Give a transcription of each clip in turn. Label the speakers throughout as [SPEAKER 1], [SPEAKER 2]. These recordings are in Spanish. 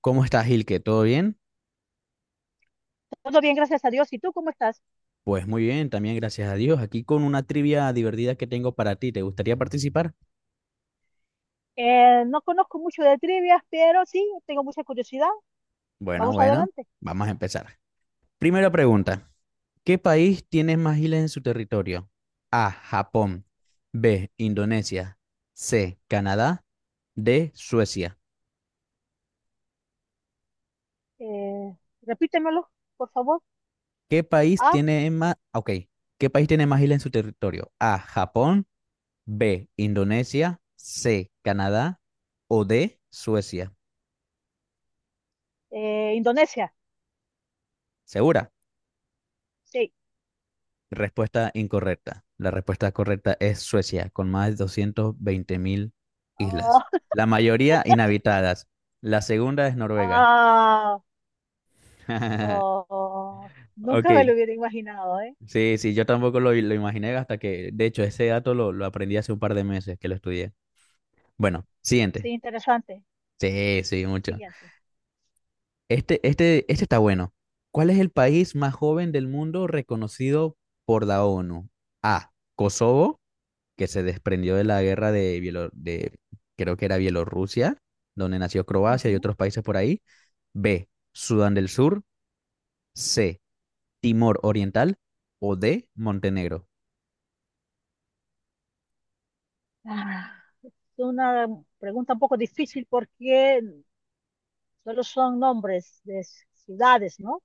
[SPEAKER 1] ¿Cómo estás, Gilke? ¿Todo bien?
[SPEAKER 2] Todo bien, gracias a Dios. ¿Y tú cómo estás?
[SPEAKER 1] Pues muy bien, también gracias a Dios. Aquí con una trivia divertida que tengo para ti. ¿Te gustaría participar?
[SPEAKER 2] No conozco mucho de trivias, pero sí, tengo mucha curiosidad.
[SPEAKER 1] Bueno,
[SPEAKER 2] Vamos
[SPEAKER 1] bueno,
[SPEAKER 2] adelante.
[SPEAKER 1] vamos a empezar. Primera pregunta. ¿Qué país tiene más islas en su territorio? A, Japón. B, Indonesia. C, Canadá. D, Suecia.
[SPEAKER 2] Eh, Repítemelo, por favor.
[SPEAKER 1] ¿Qué país
[SPEAKER 2] Ah,
[SPEAKER 1] tiene más... Ok. ¿Qué país tiene más islas en su territorio? A, Japón. B, Indonesia. C, Canadá. O D, Suecia.
[SPEAKER 2] Indonesia.
[SPEAKER 1] ¿Segura?
[SPEAKER 2] Sí.
[SPEAKER 1] Respuesta incorrecta. La respuesta correcta es Suecia, con más de 220 mil
[SPEAKER 2] Ah,
[SPEAKER 1] islas. La mayoría inhabitadas. La segunda es Noruega.
[SPEAKER 2] ah, oh, nunca me lo
[SPEAKER 1] Ok.
[SPEAKER 2] hubiera imaginado, ¿eh?
[SPEAKER 1] Sí, sí, yo tampoco lo imaginé hasta que, de hecho, ese dato lo aprendí hace un par de meses que lo estudié. Bueno,
[SPEAKER 2] Sí,
[SPEAKER 1] siguiente.
[SPEAKER 2] interesante.
[SPEAKER 1] Sí, sí, mucho.
[SPEAKER 2] Siguiente.
[SPEAKER 1] Este está bueno. ¿Cuál es el país más joven del mundo reconocido por la ONU? A. Kosovo, que se desprendió de la guerra de creo que era Bielorrusia, donde nació Croacia y
[SPEAKER 2] Ujú.
[SPEAKER 1] otros países por ahí. B, Sudán del Sur. C, Timor Oriental. O D, Montenegro.
[SPEAKER 2] Ah, es una pregunta un poco difícil porque solo son nombres de ciudades, ¿no?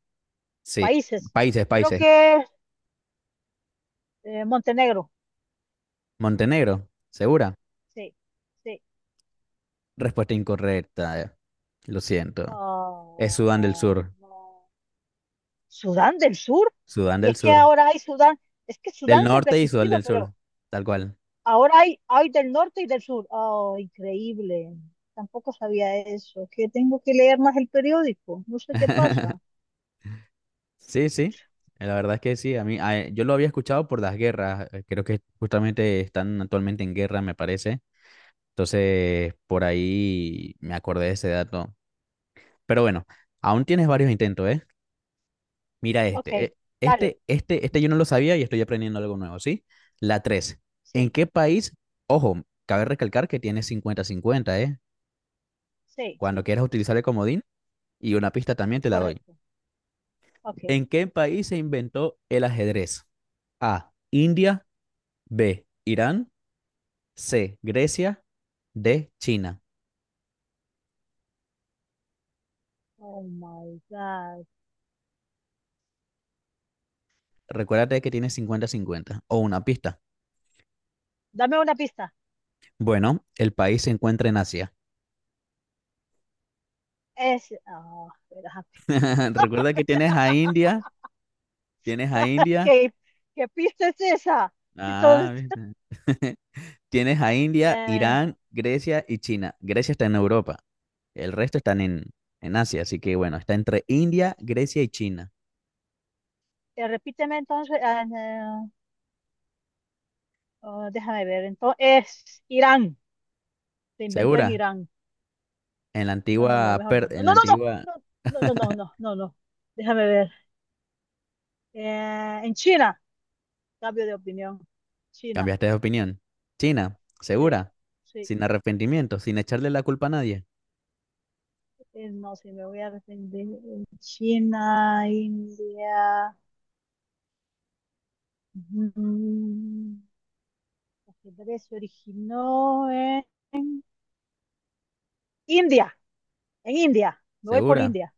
[SPEAKER 1] Sí,
[SPEAKER 2] Países.
[SPEAKER 1] países,
[SPEAKER 2] Creo
[SPEAKER 1] países.
[SPEAKER 2] que Montenegro.
[SPEAKER 1] Montenegro, ¿segura?
[SPEAKER 2] Sí, sí.
[SPEAKER 1] Respuesta incorrecta. Lo siento.
[SPEAKER 2] Ah,
[SPEAKER 1] Es Sudán del Sur.
[SPEAKER 2] no. Sudán del Sur.
[SPEAKER 1] Sudán
[SPEAKER 2] Y
[SPEAKER 1] del
[SPEAKER 2] es que
[SPEAKER 1] Sur.
[SPEAKER 2] ahora hay Sudán, es que
[SPEAKER 1] Del
[SPEAKER 2] Sudán siempre ha
[SPEAKER 1] norte y Sudán
[SPEAKER 2] existido,
[SPEAKER 1] del
[SPEAKER 2] pero
[SPEAKER 1] Sur. Tal cual.
[SPEAKER 2] ahora hay del norte y del sur. Oh, increíble. Tampoco sabía eso. Que tengo que leer más el periódico. No sé qué pasa.
[SPEAKER 1] Sí, sí, la verdad es que sí, a mí, yo lo había escuchado por las guerras, creo que justamente están actualmente en guerra, me parece, entonces por ahí me acordé de ese dato, pero bueno, aún tienes varios intentos, ¿eh? Mira
[SPEAKER 2] Ok,
[SPEAKER 1] este,
[SPEAKER 2] dale.
[SPEAKER 1] este yo no lo sabía y estoy aprendiendo algo nuevo, ¿sí? La tres, ¿en
[SPEAKER 2] Sí,
[SPEAKER 1] qué país? Ojo, cabe recalcar que tienes cincuenta cincuenta, ¿eh?
[SPEAKER 2] sí,
[SPEAKER 1] Cuando
[SPEAKER 2] sí.
[SPEAKER 1] quieras utilizar el comodín, y una pista también te la doy.
[SPEAKER 2] Correcto. Ok.
[SPEAKER 1] ¿En qué país se inventó el ajedrez? A, India. B, Irán. C, Grecia. D, China.
[SPEAKER 2] Oh my God.
[SPEAKER 1] Recuérdate que tiene cincuenta-cincuenta o una pista.
[SPEAKER 2] Dame una pista.
[SPEAKER 1] Bueno, el país se encuentra en Asia.
[SPEAKER 2] Es. Espera.
[SPEAKER 1] Recuerda que tienes a India,
[SPEAKER 2] ¿Qué, qué pista es esa? Si todo-
[SPEAKER 1] ah, ¿viste? Tienes a India,
[SPEAKER 2] Eh,
[SPEAKER 1] Irán, Grecia y China. Grecia está en Europa, el resto están en Asia, así que bueno, está entre India, Grecia y China.
[SPEAKER 2] Repíteme entonces, ah, no, ah, déjame ver, entonces, se inventó en
[SPEAKER 1] ¿Segura?
[SPEAKER 2] Irán.
[SPEAKER 1] En la
[SPEAKER 2] No, no, no,
[SPEAKER 1] antigua,
[SPEAKER 2] mejor
[SPEAKER 1] per-
[SPEAKER 2] no. No,
[SPEAKER 1] en la
[SPEAKER 2] no,
[SPEAKER 1] antigua,
[SPEAKER 2] no, no, no, no, no, no, no, no. Déjame ver. En China, cambio de opinión. China,
[SPEAKER 1] cambiaste de opinión. China,
[SPEAKER 2] sí,
[SPEAKER 1] ¿segura?
[SPEAKER 2] sí,
[SPEAKER 1] Sin arrepentimiento, sin echarle la culpa a nadie.
[SPEAKER 2] no, sí, me voy a arrepentir. India. mm, El ajedrez se originó en India, en India. Me voy por
[SPEAKER 1] ¿Segura?
[SPEAKER 2] India,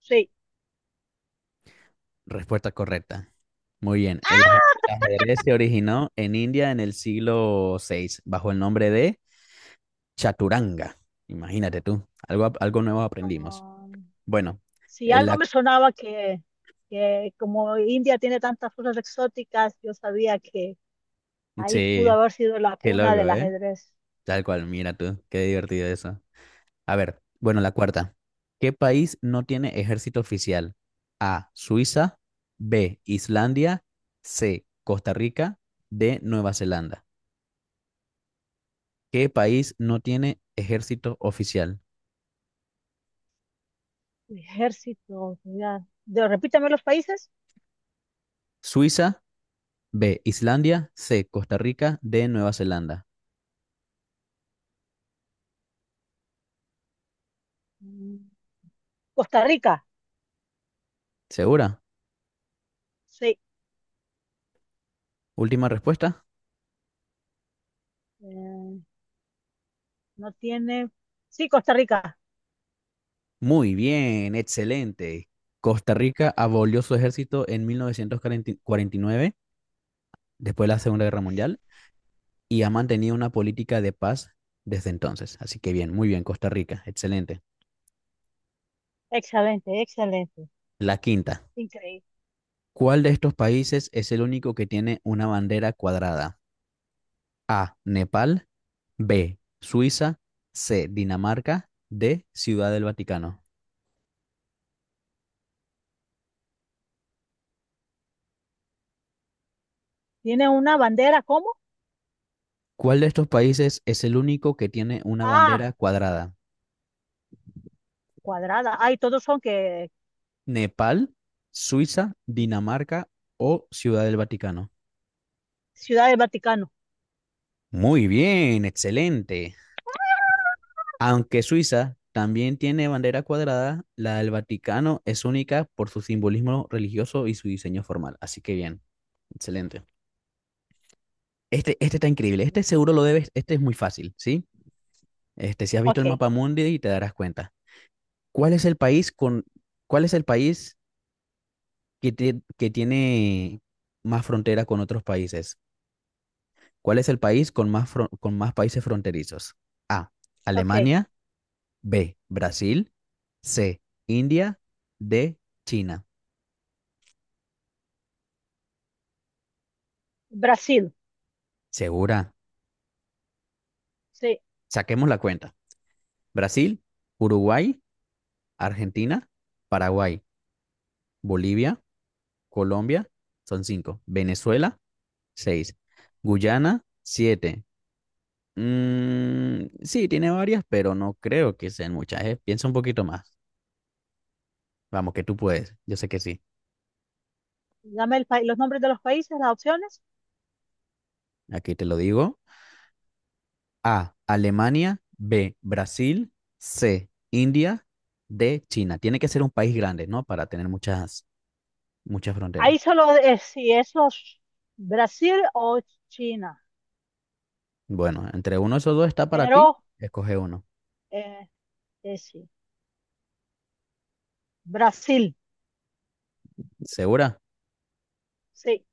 [SPEAKER 2] sí.
[SPEAKER 1] Respuesta correcta. Muy bien. El ajedrez se originó en India en el siglo VI bajo el nombre de Chaturanga. Imagínate tú, algo nuevo aprendimos.
[SPEAKER 2] Ah,
[SPEAKER 1] Bueno,
[SPEAKER 2] si
[SPEAKER 1] el
[SPEAKER 2] algo
[SPEAKER 1] ac-
[SPEAKER 2] me sonaba que como India tiene tantas cosas exóticas, yo sabía que ahí pudo
[SPEAKER 1] sí,
[SPEAKER 2] haber sido la
[SPEAKER 1] qué
[SPEAKER 2] cuna
[SPEAKER 1] loco,
[SPEAKER 2] del
[SPEAKER 1] ¿eh?
[SPEAKER 2] ajedrez.
[SPEAKER 1] Tal cual, mira tú, qué divertido eso. A ver, bueno, la cuarta. ¿Qué país no tiene ejército oficial? A, Suiza. B, Islandia. C, Costa Rica. D, Nueva Zelanda. ¿Qué país no tiene ejército oficial?
[SPEAKER 2] Ejército, ya. Repítame los países.
[SPEAKER 1] Suiza, B, Islandia, C, Costa Rica, D, Nueva Zelanda.
[SPEAKER 2] Mm, Costa Rica,
[SPEAKER 1] ¿Segura?
[SPEAKER 2] sí.
[SPEAKER 1] Última respuesta.
[SPEAKER 2] Eh, no tiene. Sí, Costa Rica.
[SPEAKER 1] Muy bien, excelente. Costa Rica abolió su ejército en 1949, después de la Segunda Guerra Mundial, y ha mantenido una política de paz desde entonces. Así que bien, muy bien, Costa Rica, excelente.
[SPEAKER 2] Excelente, excelente.
[SPEAKER 1] La quinta.
[SPEAKER 2] Increíble.
[SPEAKER 1] ¿Cuál de estos países es el único que tiene una bandera cuadrada? A, Nepal. B, Suiza. C, Dinamarca. D, Ciudad del Vaticano.
[SPEAKER 2] Tiene una bandera, ¿cómo?
[SPEAKER 1] ¿Cuál de estos países es el único que tiene una
[SPEAKER 2] Ah,
[SPEAKER 1] bandera cuadrada?
[SPEAKER 2] cuadrada. Ay, todos son que
[SPEAKER 1] ¿Nepal, Suiza, Dinamarca o Ciudad del Vaticano?
[SPEAKER 2] Ciudad del Vaticano.
[SPEAKER 1] Muy bien, excelente. Aunque Suiza también tiene bandera cuadrada, la del Vaticano es única por su simbolismo religioso y su diseño formal. Así que bien, excelente. Este, está increíble. Este seguro lo debes, este es muy fácil, ¿sí? Este, si has visto
[SPEAKER 2] Ok,
[SPEAKER 1] el mapa mundi y te darás cuenta. ¿Cuál es el país con, ¿Cuál es el país que tiene más frontera con otros países? ¿Cuál es el país con más países fronterizos? A.
[SPEAKER 2] ok.
[SPEAKER 1] Alemania. B. Brasil. C. India. D. China.
[SPEAKER 2] Brasil,
[SPEAKER 1] ¿Segura?
[SPEAKER 2] sí.
[SPEAKER 1] Saquemos la cuenta. Brasil, Uruguay, Argentina, Paraguay, Bolivia, Colombia, son cinco. Venezuela, seis. Guyana, siete. Mm, sí, tiene varias, pero no creo que sean muchas. Piensa un poquito más. Vamos, que tú puedes. Yo sé que sí.
[SPEAKER 2] Dame el país, los nombres de los países, las opciones.
[SPEAKER 1] Aquí te lo digo. A, Alemania. B, Brasil. C, India. D, China. Tiene que ser un país grande, ¿no? Para tener muchas, muchas fronteras.
[SPEAKER 2] Ahí solo es si es los Brasil o China,
[SPEAKER 1] Bueno, entre uno de esos dos está para ti.
[SPEAKER 2] pero
[SPEAKER 1] Escoge uno.
[SPEAKER 2] eh, sí. Brasil,
[SPEAKER 1] ¿Segura?
[SPEAKER 2] sí.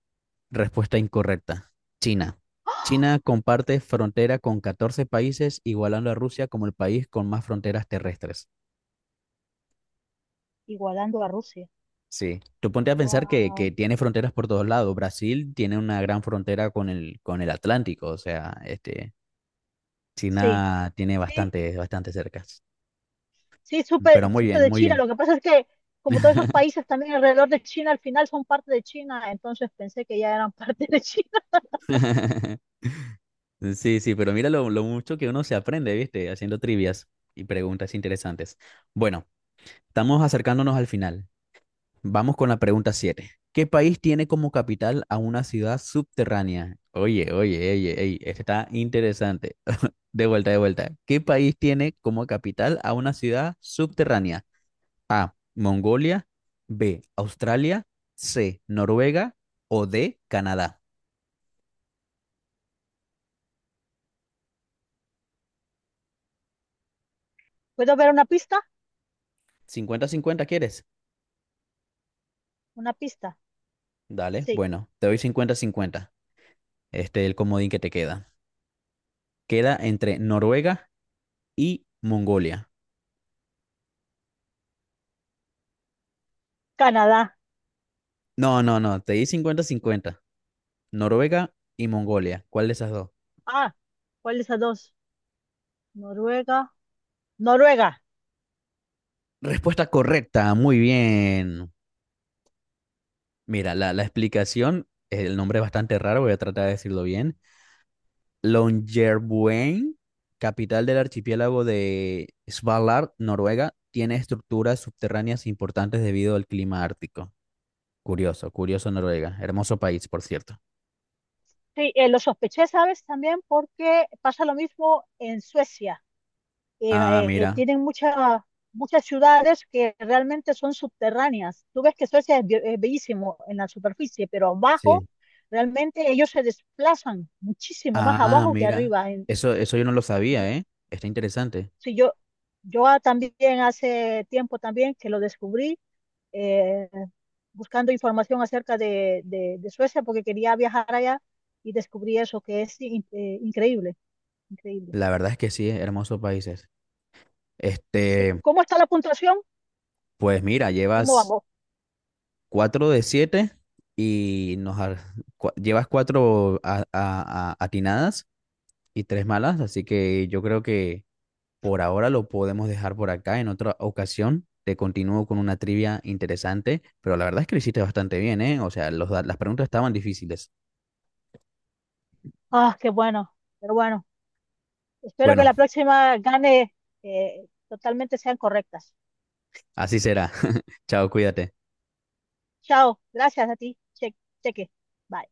[SPEAKER 1] Respuesta incorrecta. China. China
[SPEAKER 2] ¡Ah!
[SPEAKER 1] comparte frontera con 14 países, igualando a Rusia como el país con más fronteras terrestres.
[SPEAKER 2] Igualando a Rusia.
[SPEAKER 1] Sí, tú ponte a pensar que
[SPEAKER 2] Wow.
[SPEAKER 1] tiene fronteras por todos lados. Brasil tiene una gran frontera con el Atlántico, o sea, este,
[SPEAKER 2] Sí,
[SPEAKER 1] China tiene
[SPEAKER 2] sí,
[SPEAKER 1] bastante, bastante cercas.
[SPEAKER 2] sí,
[SPEAKER 1] Pero muy
[SPEAKER 2] supe
[SPEAKER 1] bien,
[SPEAKER 2] de
[SPEAKER 1] muy
[SPEAKER 2] China.
[SPEAKER 1] bien.
[SPEAKER 2] Lo que pasa es que como todos esos países también alrededor de China al final son parte de China, entonces pensé que ya eran parte de China.
[SPEAKER 1] Sí, sí, pero mira lo mucho que uno se aprende, ¿viste? Haciendo trivias y preguntas interesantes. Bueno, estamos acercándonos al final. Vamos con la pregunta 7. ¿Qué país tiene como capital a una ciudad subterránea? Oye, oye, oye, ey, este está interesante. De vuelta, de vuelta. ¿Qué país tiene como capital a una ciudad subterránea? A. Mongolia. B. Australia. C. Noruega. O D. Canadá.
[SPEAKER 2] ¿Puedo ver una pista?
[SPEAKER 1] Cincuenta-cincuenta, quieres.
[SPEAKER 2] Una pista.
[SPEAKER 1] Dale.
[SPEAKER 2] Sí,
[SPEAKER 1] Bueno, te doy cincuenta-cincuenta. Este es el comodín que te queda. Queda entre Noruega y Mongolia.
[SPEAKER 2] Canadá.
[SPEAKER 1] No, no, no. Te di cincuenta-cincuenta. Noruega y Mongolia. ¿Cuál de esas dos?
[SPEAKER 2] Ah, ¿cuál de esas dos? Noruega. Noruega.
[SPEAKER 1] Respuesta correcta. Muy bien. Mira, la explicación, el nombre es bastante raro, voy a tratar de decirlo bien. Longyearbyen, capital del archipiélago de Svalbard, Noruega, tiene estructuras subterráneas importantes debido al clima ártico. Curioso, curioso Noruega. Hermoso país, por cierto.
[SPEAKER 2] Sí, lo sospeché, ¿sabes? También porque pasa lo mismo en Suecia.
[SPEAKER 1] Ah, mira.
[SPEAKER 2] Tienen muchas ciudades que realmente son subterráneas. Tú ves que Suecia es bellísimo en la superficie, pero abajo
[SPEAKER 1] Sí.
[SPEAKER 2] realmente ellos se desplazan muchísimo más
[SPEAKER 1] Ah,
[SPEAKER 2] abajo que
[SPEAKER 1] mira.
[SPEAKER 2] arriba.
[SPEAKER 1] Eso yo no lo sabía, ¿eh? Está interesante.
[SPEAKER 2] Sí, yo también hace tiempo también que lo descubrí, eh, buscando información acerca de Suecia porque quería viajar allá y descubrí eso que es increíble. Increíble.
[SPEAKER 1] La verdad es que sí, hermosos países.
[SPEAKER 2] Sí.
[SPEAKER 1] Este,
[SPEAKER 2] ¿Cómo está la puntuación?
[SPEAKER 1] pues mira,
[SPEAKER 2] ¿Cómo
[SPEAKER 1] llevas
[SPEAKER 2] vamos?
[SPEAKER 1] cuatro de siete y llevas cuatro atinadas, y tres malas, así que yo creo que por ahora lo podemos dejar por acá. En otra ocasión te continúo con una trivia interesante, pero la verdad es que lo hiciste bastante bien, ¿eh? O sea, las preguntas estaban difíciles.
[SPEAKER 2] Ah, qué bueno. Pero bueno, espero que
[SPEAKER 1] Bueno,
[SPEAKER 2] la próxima gane totalmente sean correctas.
[SPEAKER 1] así será. Chao, cuídate.
[SPEAKER 2] Chao. Gracias a ti. Cheque. Bye.